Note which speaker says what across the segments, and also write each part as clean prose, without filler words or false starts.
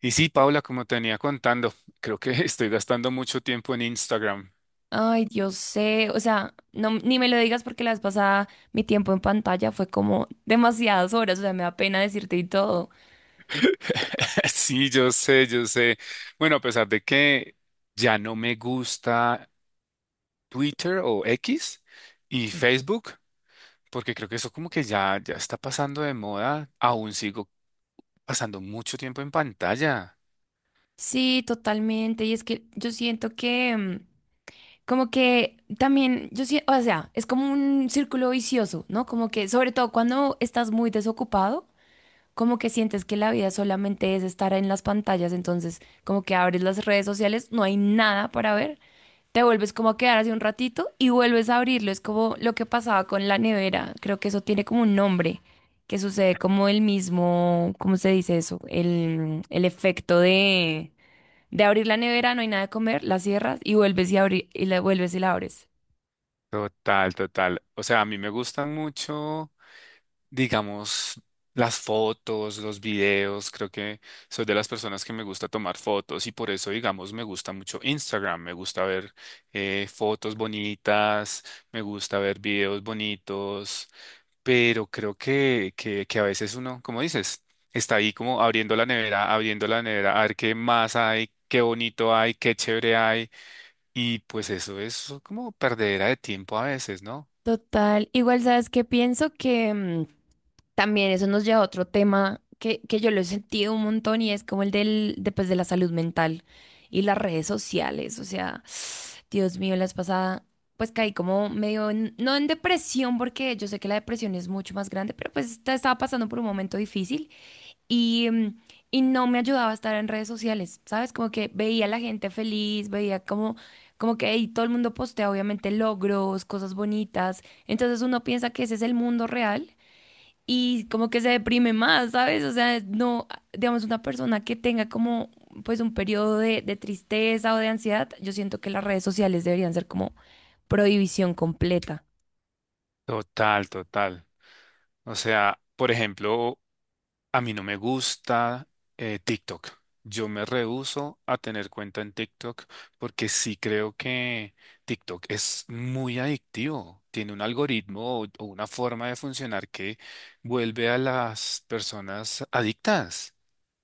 Speaker 1: Y sí, Paula, como te venía contando, creo que estoy gastando mucho tiempo en Instagram.
Speaker 2: Ay, yo sé, o sea, no, ni me lo digas porque la vez pasada mi tiempo en pantalla fue como demasiadas horas, o sea, me da pena decirte y todo.
Speaker 1: Sí, yo sé, yo sé. Bueno, a pesar de que ya no me gusta Twitter o X y
Speaker 2: Sí.
Speaker 1: Facebook, porque creo que eso como que ya está pasando de moda, aún sigo pasando mucho tiempo en pantalla.
Speaker 2: Sí, totalmente. Y es que yo siento que, como que también, yo siento, o sea, es como un círculo vicioso, ¿no? Como que, sobre todo cuando estás muy desocupado. Como que sientes que la vida solamente es estar en las pantallas, entonces como que abres las redes sociales, no hay nada para ver, te vuelves como a quedar así un ratito y vuelves a abrirlo, es como lo que pasaba con la nevera, creo que eso tiene como un nombre, que sucede como el mismo, ¿cómo se dice eso? El efecto de abrir la nevera, no hay nada de comer, la cierras y vuelves y y la vuelves y la abres.
Speaker 1: Total, total. O sea, a mí me gustan mucho, digamos, las fotos, los videos. Creo que soy de las personas que me gusta tomar fotos y por eso, digamos, me gusta mucho Instagram. Me gusta ver fotos bonitas, me gusta ver videos bonitos, pero creo que a veces uno, como dices, está ahí como abriendo la nevera, a ver qué más hay. Qué bonito hay, qué chévere hay. Y pues eso es como perdedera de tiempo a veces, ¿no?
Speaker 2: Total, igual sabes que pienso que... también eso nos lleva a otro tema que yo lo he sentido un montón y es como el del, de, pues, de la salud mental y las redes sociales. O sea, Dios mío, la vez pasada, pues caí como medio, no en depresión, porque yo sé que la depresión es mucho más grande, pero pues estaba pasando por un momento difícil y, y no me ayudaba a estar en redes sociales, ¿sabes? Como que veía a la gente feliz, veía como, como que ahí todo el mundo postea obviamente logros, cosas bonitas. Entonces uno piensa que ese es el mundo real y como que se deprime más, ¿sabes? O sea, no, digamos, una persona que tenga como pues un periodo de tristeza o de ansiedad, yo siento que las redes sociales deberían ser como prohibición completa.
Speaker 1: Total, total. O sea, por ejemplo, a mí no me gusta TikTok. Yo me rehúso a tener cuenta en TikTok porque sí creo que TikTok es muy adictivo. Tiene un algoritmo o una forma de funcionar que vuelve a las personas adictas.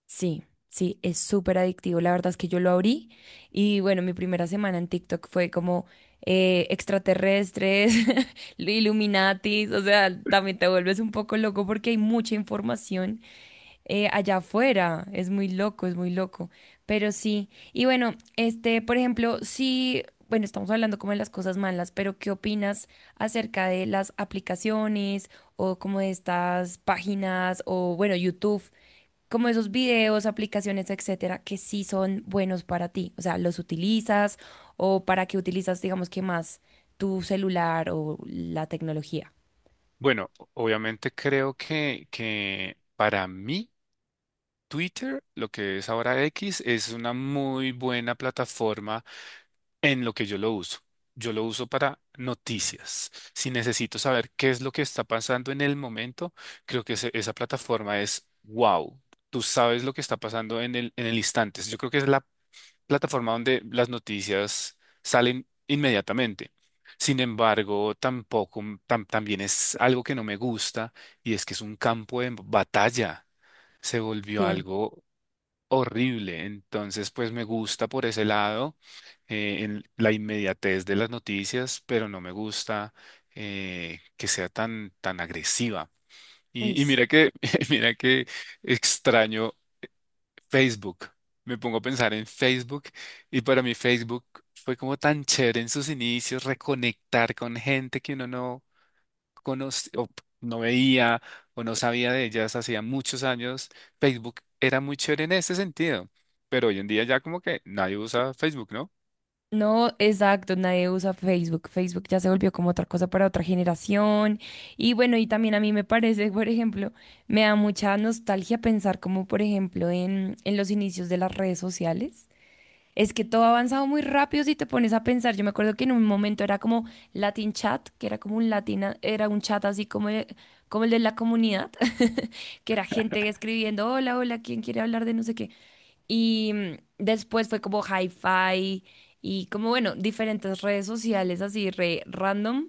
Speaker 2: Sí, sí, es súper adictivo. La verdad es que yo lo abrí y bueno, mi primera semana en TikTok fue como extraterrestres, Illuminatis, o sea, también te vuelves un poco loco porque hay mucha información allá afuera. Es muy loco, es muy loco. Pero sí, y bueno, este, por ejemplo, sí, bueno, estamos hablando como de las cosas malas, pero ¿qué opinas acerca de las aplicaciones o como de estas páginas o bueno, YouTube? Como esos videos, aplicaciones, etcétera, que sí son buenos para ti. O sea, los utilizas o para qué utilizas, digamos que más tu celular o la tecnología.
Speaker 1: Bueno, obviamente creo que para mí Twitter, lo que es ahora X, es una muy buena plataforma en lo que yo lo uso. Yo lo uso para noticias. Si necesito saber qué es lo que está pasando en el momento, creo que esa plataforma es wow. Tú sabes lo que está pasando en el instante. Yo creo que es la plataforma donde las noticias salen inmediatamente. Sin embargo, tampoco, también es algo que no me gusta, y es que es un campo de batalla. Se volvió
Speaker 2: Sí.
Speaker 1: algo horrible. Entonces, pues me gusta por ese lado, en la inmediatez de las noticias, pero no me gusta que sea tan agresiva.
Speaker 2: Uy,
Speaker 1: Y
Speaker 2: sí.
Speaker 1: mira que, mira que extraño Facebook. Me pongo a pensar en Facebook, y para mí Facebook fue como tan chévere en sus inicios, reconectar con gente que uno no conoce o no veía o no sabía de ellas hacía muchos años. Facebook era muy chévere en ese sentido, pero hoy en día ya como que nadie usa Facebook, ¿no?
Speaker 2: No, exacto, nadie usa Facebook. Facebook ya se volvió como otra cosa para otra generación. Y bueno, y también a mí me parece, por ejemplo, me da mucha nostalgia pensar como, por ejemplo, en los inicios de las redes sociales. Es que todo ha avanzado muy rápido si te pones a pensar. Yo me acuerdo que en un momento era como Latin Chat, que era como un latina, era un chat así como, como el de la comunidad, que era gente escribiendo, hola, hola, ¿quién quiere hablar de no sé qué? Y después fue como Hi-Fi y como, bueno, diferentes redes sociales así re random.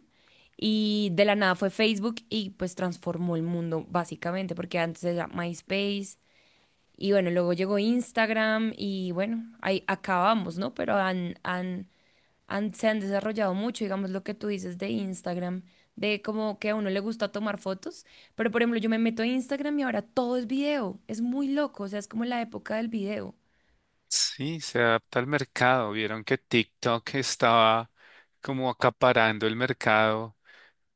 Speaker 2: Y de la nada fue Facebook y pues transformó el mundo básicamente, porque antes era MySpace y bueno, luego llegó Instagram y bueno, ahí acabamos, ¿no? Pero han, han, se han desarrollado mucho, digamos, lo que tú dices de Instagram, de como que a uno le gusta tomar fotos, pero por ejemplo, yo me meto a Instagram y ahora todo es video, es muy loco, o sea, es como la época del video.
Speaker 1: Sí, se adapta al mercado. Vieron que TikTok estaba como acaparando el mercado,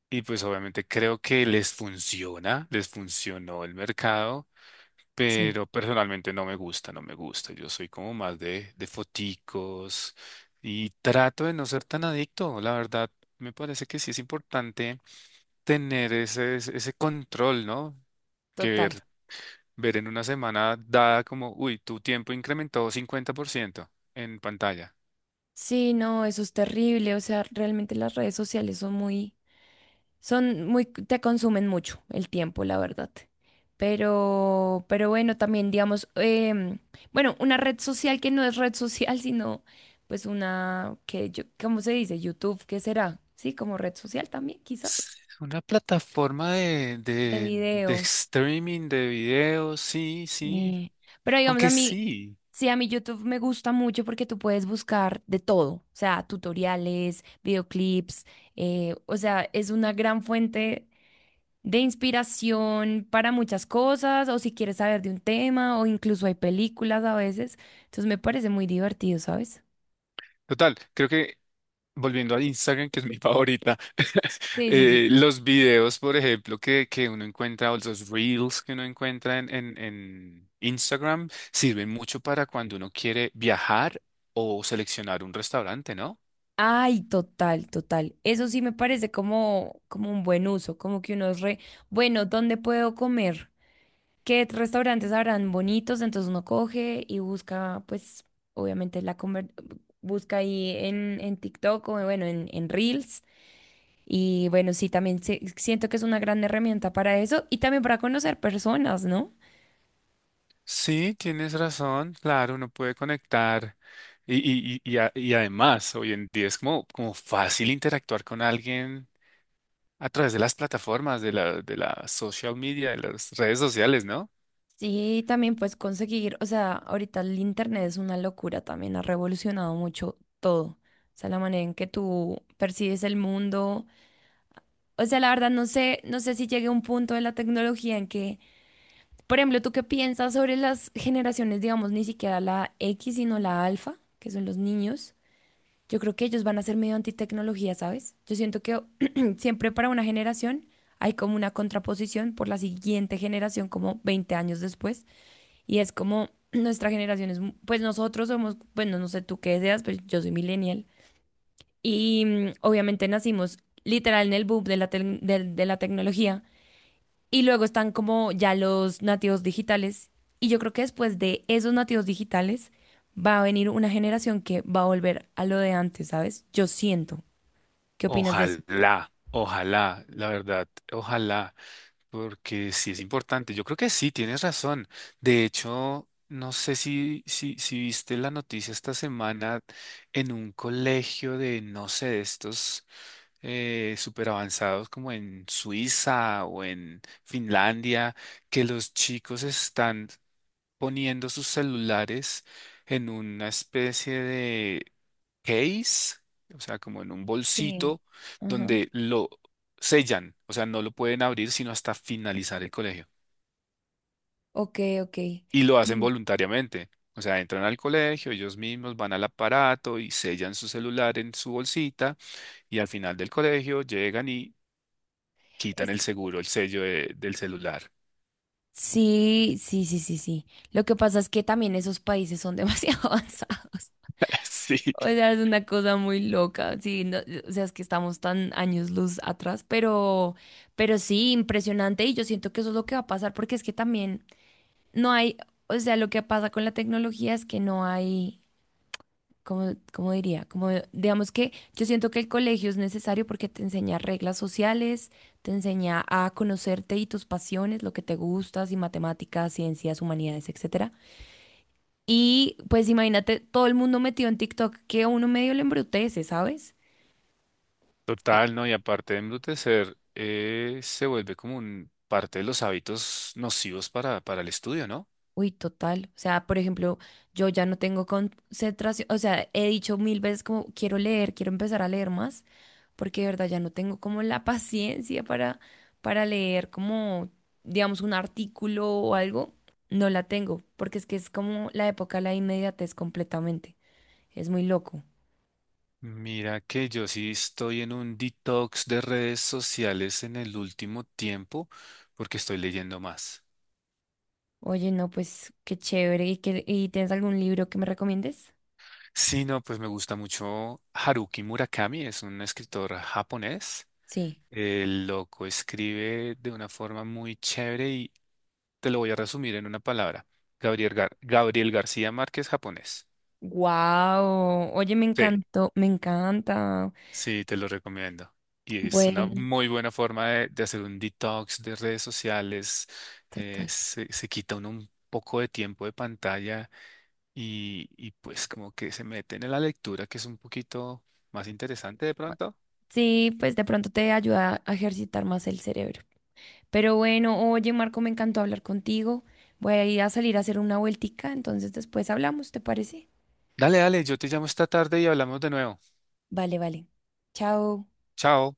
Speaker 1: y pues obviamente creo que les funciona, les funcionó el mercado,
Speaker 2: Sí.
Speaker 1: pero personalmente no me gusta, no me gusta. Yo soy como más de foticos, y trato de no ser tan adicto. La verdad, me parece que sí es importante tener ese, ese control, ¿no? Que
Speaker 2: Total.
Speaker 1: ver, ver en una semana dada como, uy, tu tiempo incrementó 50% en pantalla.
Speaker 2: Sí, no, eso es terrible, o sea, realmente las redes sociales son muy... Son muy, te consumen mucho el tiempo, la verdad. Pero bueno, también digamos, bueno, una red social que no es red social, sino pues una que yo, ¿cómo se dice? YouTube, ¿qué será? Sí, como red social también, quizás,
Speaker 1: Una plataforma de,
Speaker 2: de
Speaker 1: de, de
Speaker 2: video.
Speaker 1: streaming de videos, sí, sí.
Speaker 2: eh, Pero digamos, a
Speaker 1: Aunque
Speaker 2: mí,
Speaker 1: sí.
Speaker 2: sí, a mí YouTube me gusta mucho porque tú puedes buscar de todo, o sea, tutoriales, videoclips, o sea, es una gran fuente de inspiración para muchas cosas, o si quieres saber de un tema, o incluso hay películas a veces. Entonces me parece muy divertido, ¿sabes?
Speaker 1: Total, creo que volviendo a Instagram, que es mi favorita,
Speaker 2: Sí, sí, sí.
Speaker 1: los videos, por ejemplo, que uno encuentra, o los reels que uno encuentra en Instagram, sirven mucho para cuando uno quiere viajar o seleccionar un restaurante, ¿no?
Speaker 2: Ay, total, total. Eso sí me parece como, como un buen uso, como que uno es re, bueno, ¿dónde puedo comer? ¿Qué restaurantes habrán bonitos? Entonces uno coge y busca, pues, obviamente la comer, busca ahí en TikTok o bueno, en Reels. Y bueno, sí, también siento que es una gran herramienta para eso y también para conocer personas, ¿no?
Speaker 1: Sí, tienes razón, claro, uno puede conectar y además hoy en día es como, como fácil interactuar con alguien a través de las plataformas, de la social media, de las redes sociales, ¿no?
Speaker 2: Sí, también pues conseguir, o sea, ahorita el internet es una locura también, ha revolucionado mucho todo. O sea, la manera en que tú percibes el mundo. O sea, la verdad no sé, no sé si llegue a un punto de la tecnología en que, por ejemplo, ¿tú qué piensas sobre las generaciones, digamos, ni siquiera la X, sino la alfa, que son los niños? Yo creo que ellos van a ser medio antitecnología, ¿sabes? Yo siento que siempre para una generación hay como una contraposición por la siguiente generación, como 20 años después. Y es como nuestra generación es, pues nosotros somos, bueno, no sé tú qué seas, pero yo soy millennial. Y obviamente nacimos literal en el boom de la, de la tecnología. Y luego están como ya los nativos digitales. Y yo creo que después de esos nativos digitales va a venir una generación que va a volver a lo de antes, ¿sabes? Yo siento. ¿Qué opinas de eso?
Speaker 1: Ojalá, ojalá, la verdad, ojalá. Porque sí es importante. Yo creo que sí, tienes razón. De hecho, no sé si viste la noticia esta semana en un colegio de, no sé, de estos súper avanzados como en Suiza o en Finlandia, que los chicos están poniendo sus celulares en una especie de case, o sea, como en un
Speaker 2: Sí.
Speaker 1: bolsito
Speaker 2: Ajá.
Speaker 1: donde lo sellan, o sea, no lo pueden abrir sino hasta finalizar el colegio.
Speaker 2: Ok, ok.
Speaker 1: Y lo hacen
Speaker 2: Sí.
Speaker 1: voluntariamente, o sea, entran al colegio, ellos mismos van al aparato y sellan su celular en su bolsita, y al final del colegio llegan y quitan
Speaker 2: Es-
Speaker 1: el seguro, el sello del celular.
Speaker 2: sí, sí, sí, sí, sí. Lo que pasa es que también esos países son demasiado avanzados.
Speaker 1: Sí.
Speaker 2: O sea, es una cosa muy loca. Sí, no, o sea, es que estamos tan años luz atrás, pero sí, impresionante. Y yo siento que eso es lo que va a pasar, porque es que también no hay, o sea, lo que pasa con la tecnología es que no hay. Como, como diría, como digamos que yo siento que el colegio es necesario porque te enseña reglas sociales, te enseña a conocerte y tus pasiones, lo que te gustas y matemáticas, ciencias, humanidades, etcétera. Y pues imagínate todo el mundo metido en TikTok que a uno medio le embrutece, ¿sabes?
Speaker 1: Total, ¿no? Y aparte de embrutecer, se vuelve como un parte de los hábitos nocivos para el estudio, ¿no?
Speaker 2: Uy, total. O sea, por ejemplo, yo ya no tengo concentración. O sea, he dicho 1.000 veces como quiero leer, quiero empezar a leer más, porque de verdad ya no tengo como la paciencia para leer como, digamos, un artículo o algo. No la tengo, porque es que es como la época de la inmediatez completamente. Es muy loco.
Speaker 1: Mira que yo sí estoy en un detox de redes sociales en el último tiempo porque estoy leyendo más.
Speaker 2: Oye, no, pues qué chévere. ¿Y y tienes algún libro que me recomiendes?
Speaker 1: Sí, no, pues me gusta mucho Haruki Murakami, es un escritor japonés.
Speaker 2: Sí.
Speaker 1: El loco escribe de una forma muy chévere, y te lo voy a resumir en una palabra. Gabriel García Márquez, japonés.
Speaker 2: Wow. Oye, me
Speaker 1: Sí.
Speaker 2: encantó, me encanta.
Speaker 1: Sí, te lo recomiendo. Y es una
Speaker 2: Bueno,
Speaker 1: muy buena forma de hacer un detox de redes sociales. eh,
Speaker 2: total.
Speaker 1: se, se quita uno un poco de tiempo de pantalla, y pues como que se meten en la lectura, que es un poquito más interesante de pronto.
Speaker 2: Sí, pues de pronto te ayuda a ejercitar más el cerebro. Pero bueno, oye Marco, me encantó hablar contigo. Voy a ir a salir a hacer una vueltica, entonces después hablamos, ¿te parece?
Speaker 1: Dale, dale, yo te llamo esta tarde y hablamos de nuevo.
Speaker 2: Vale, vale. Chao.
Speaker 1: Chao.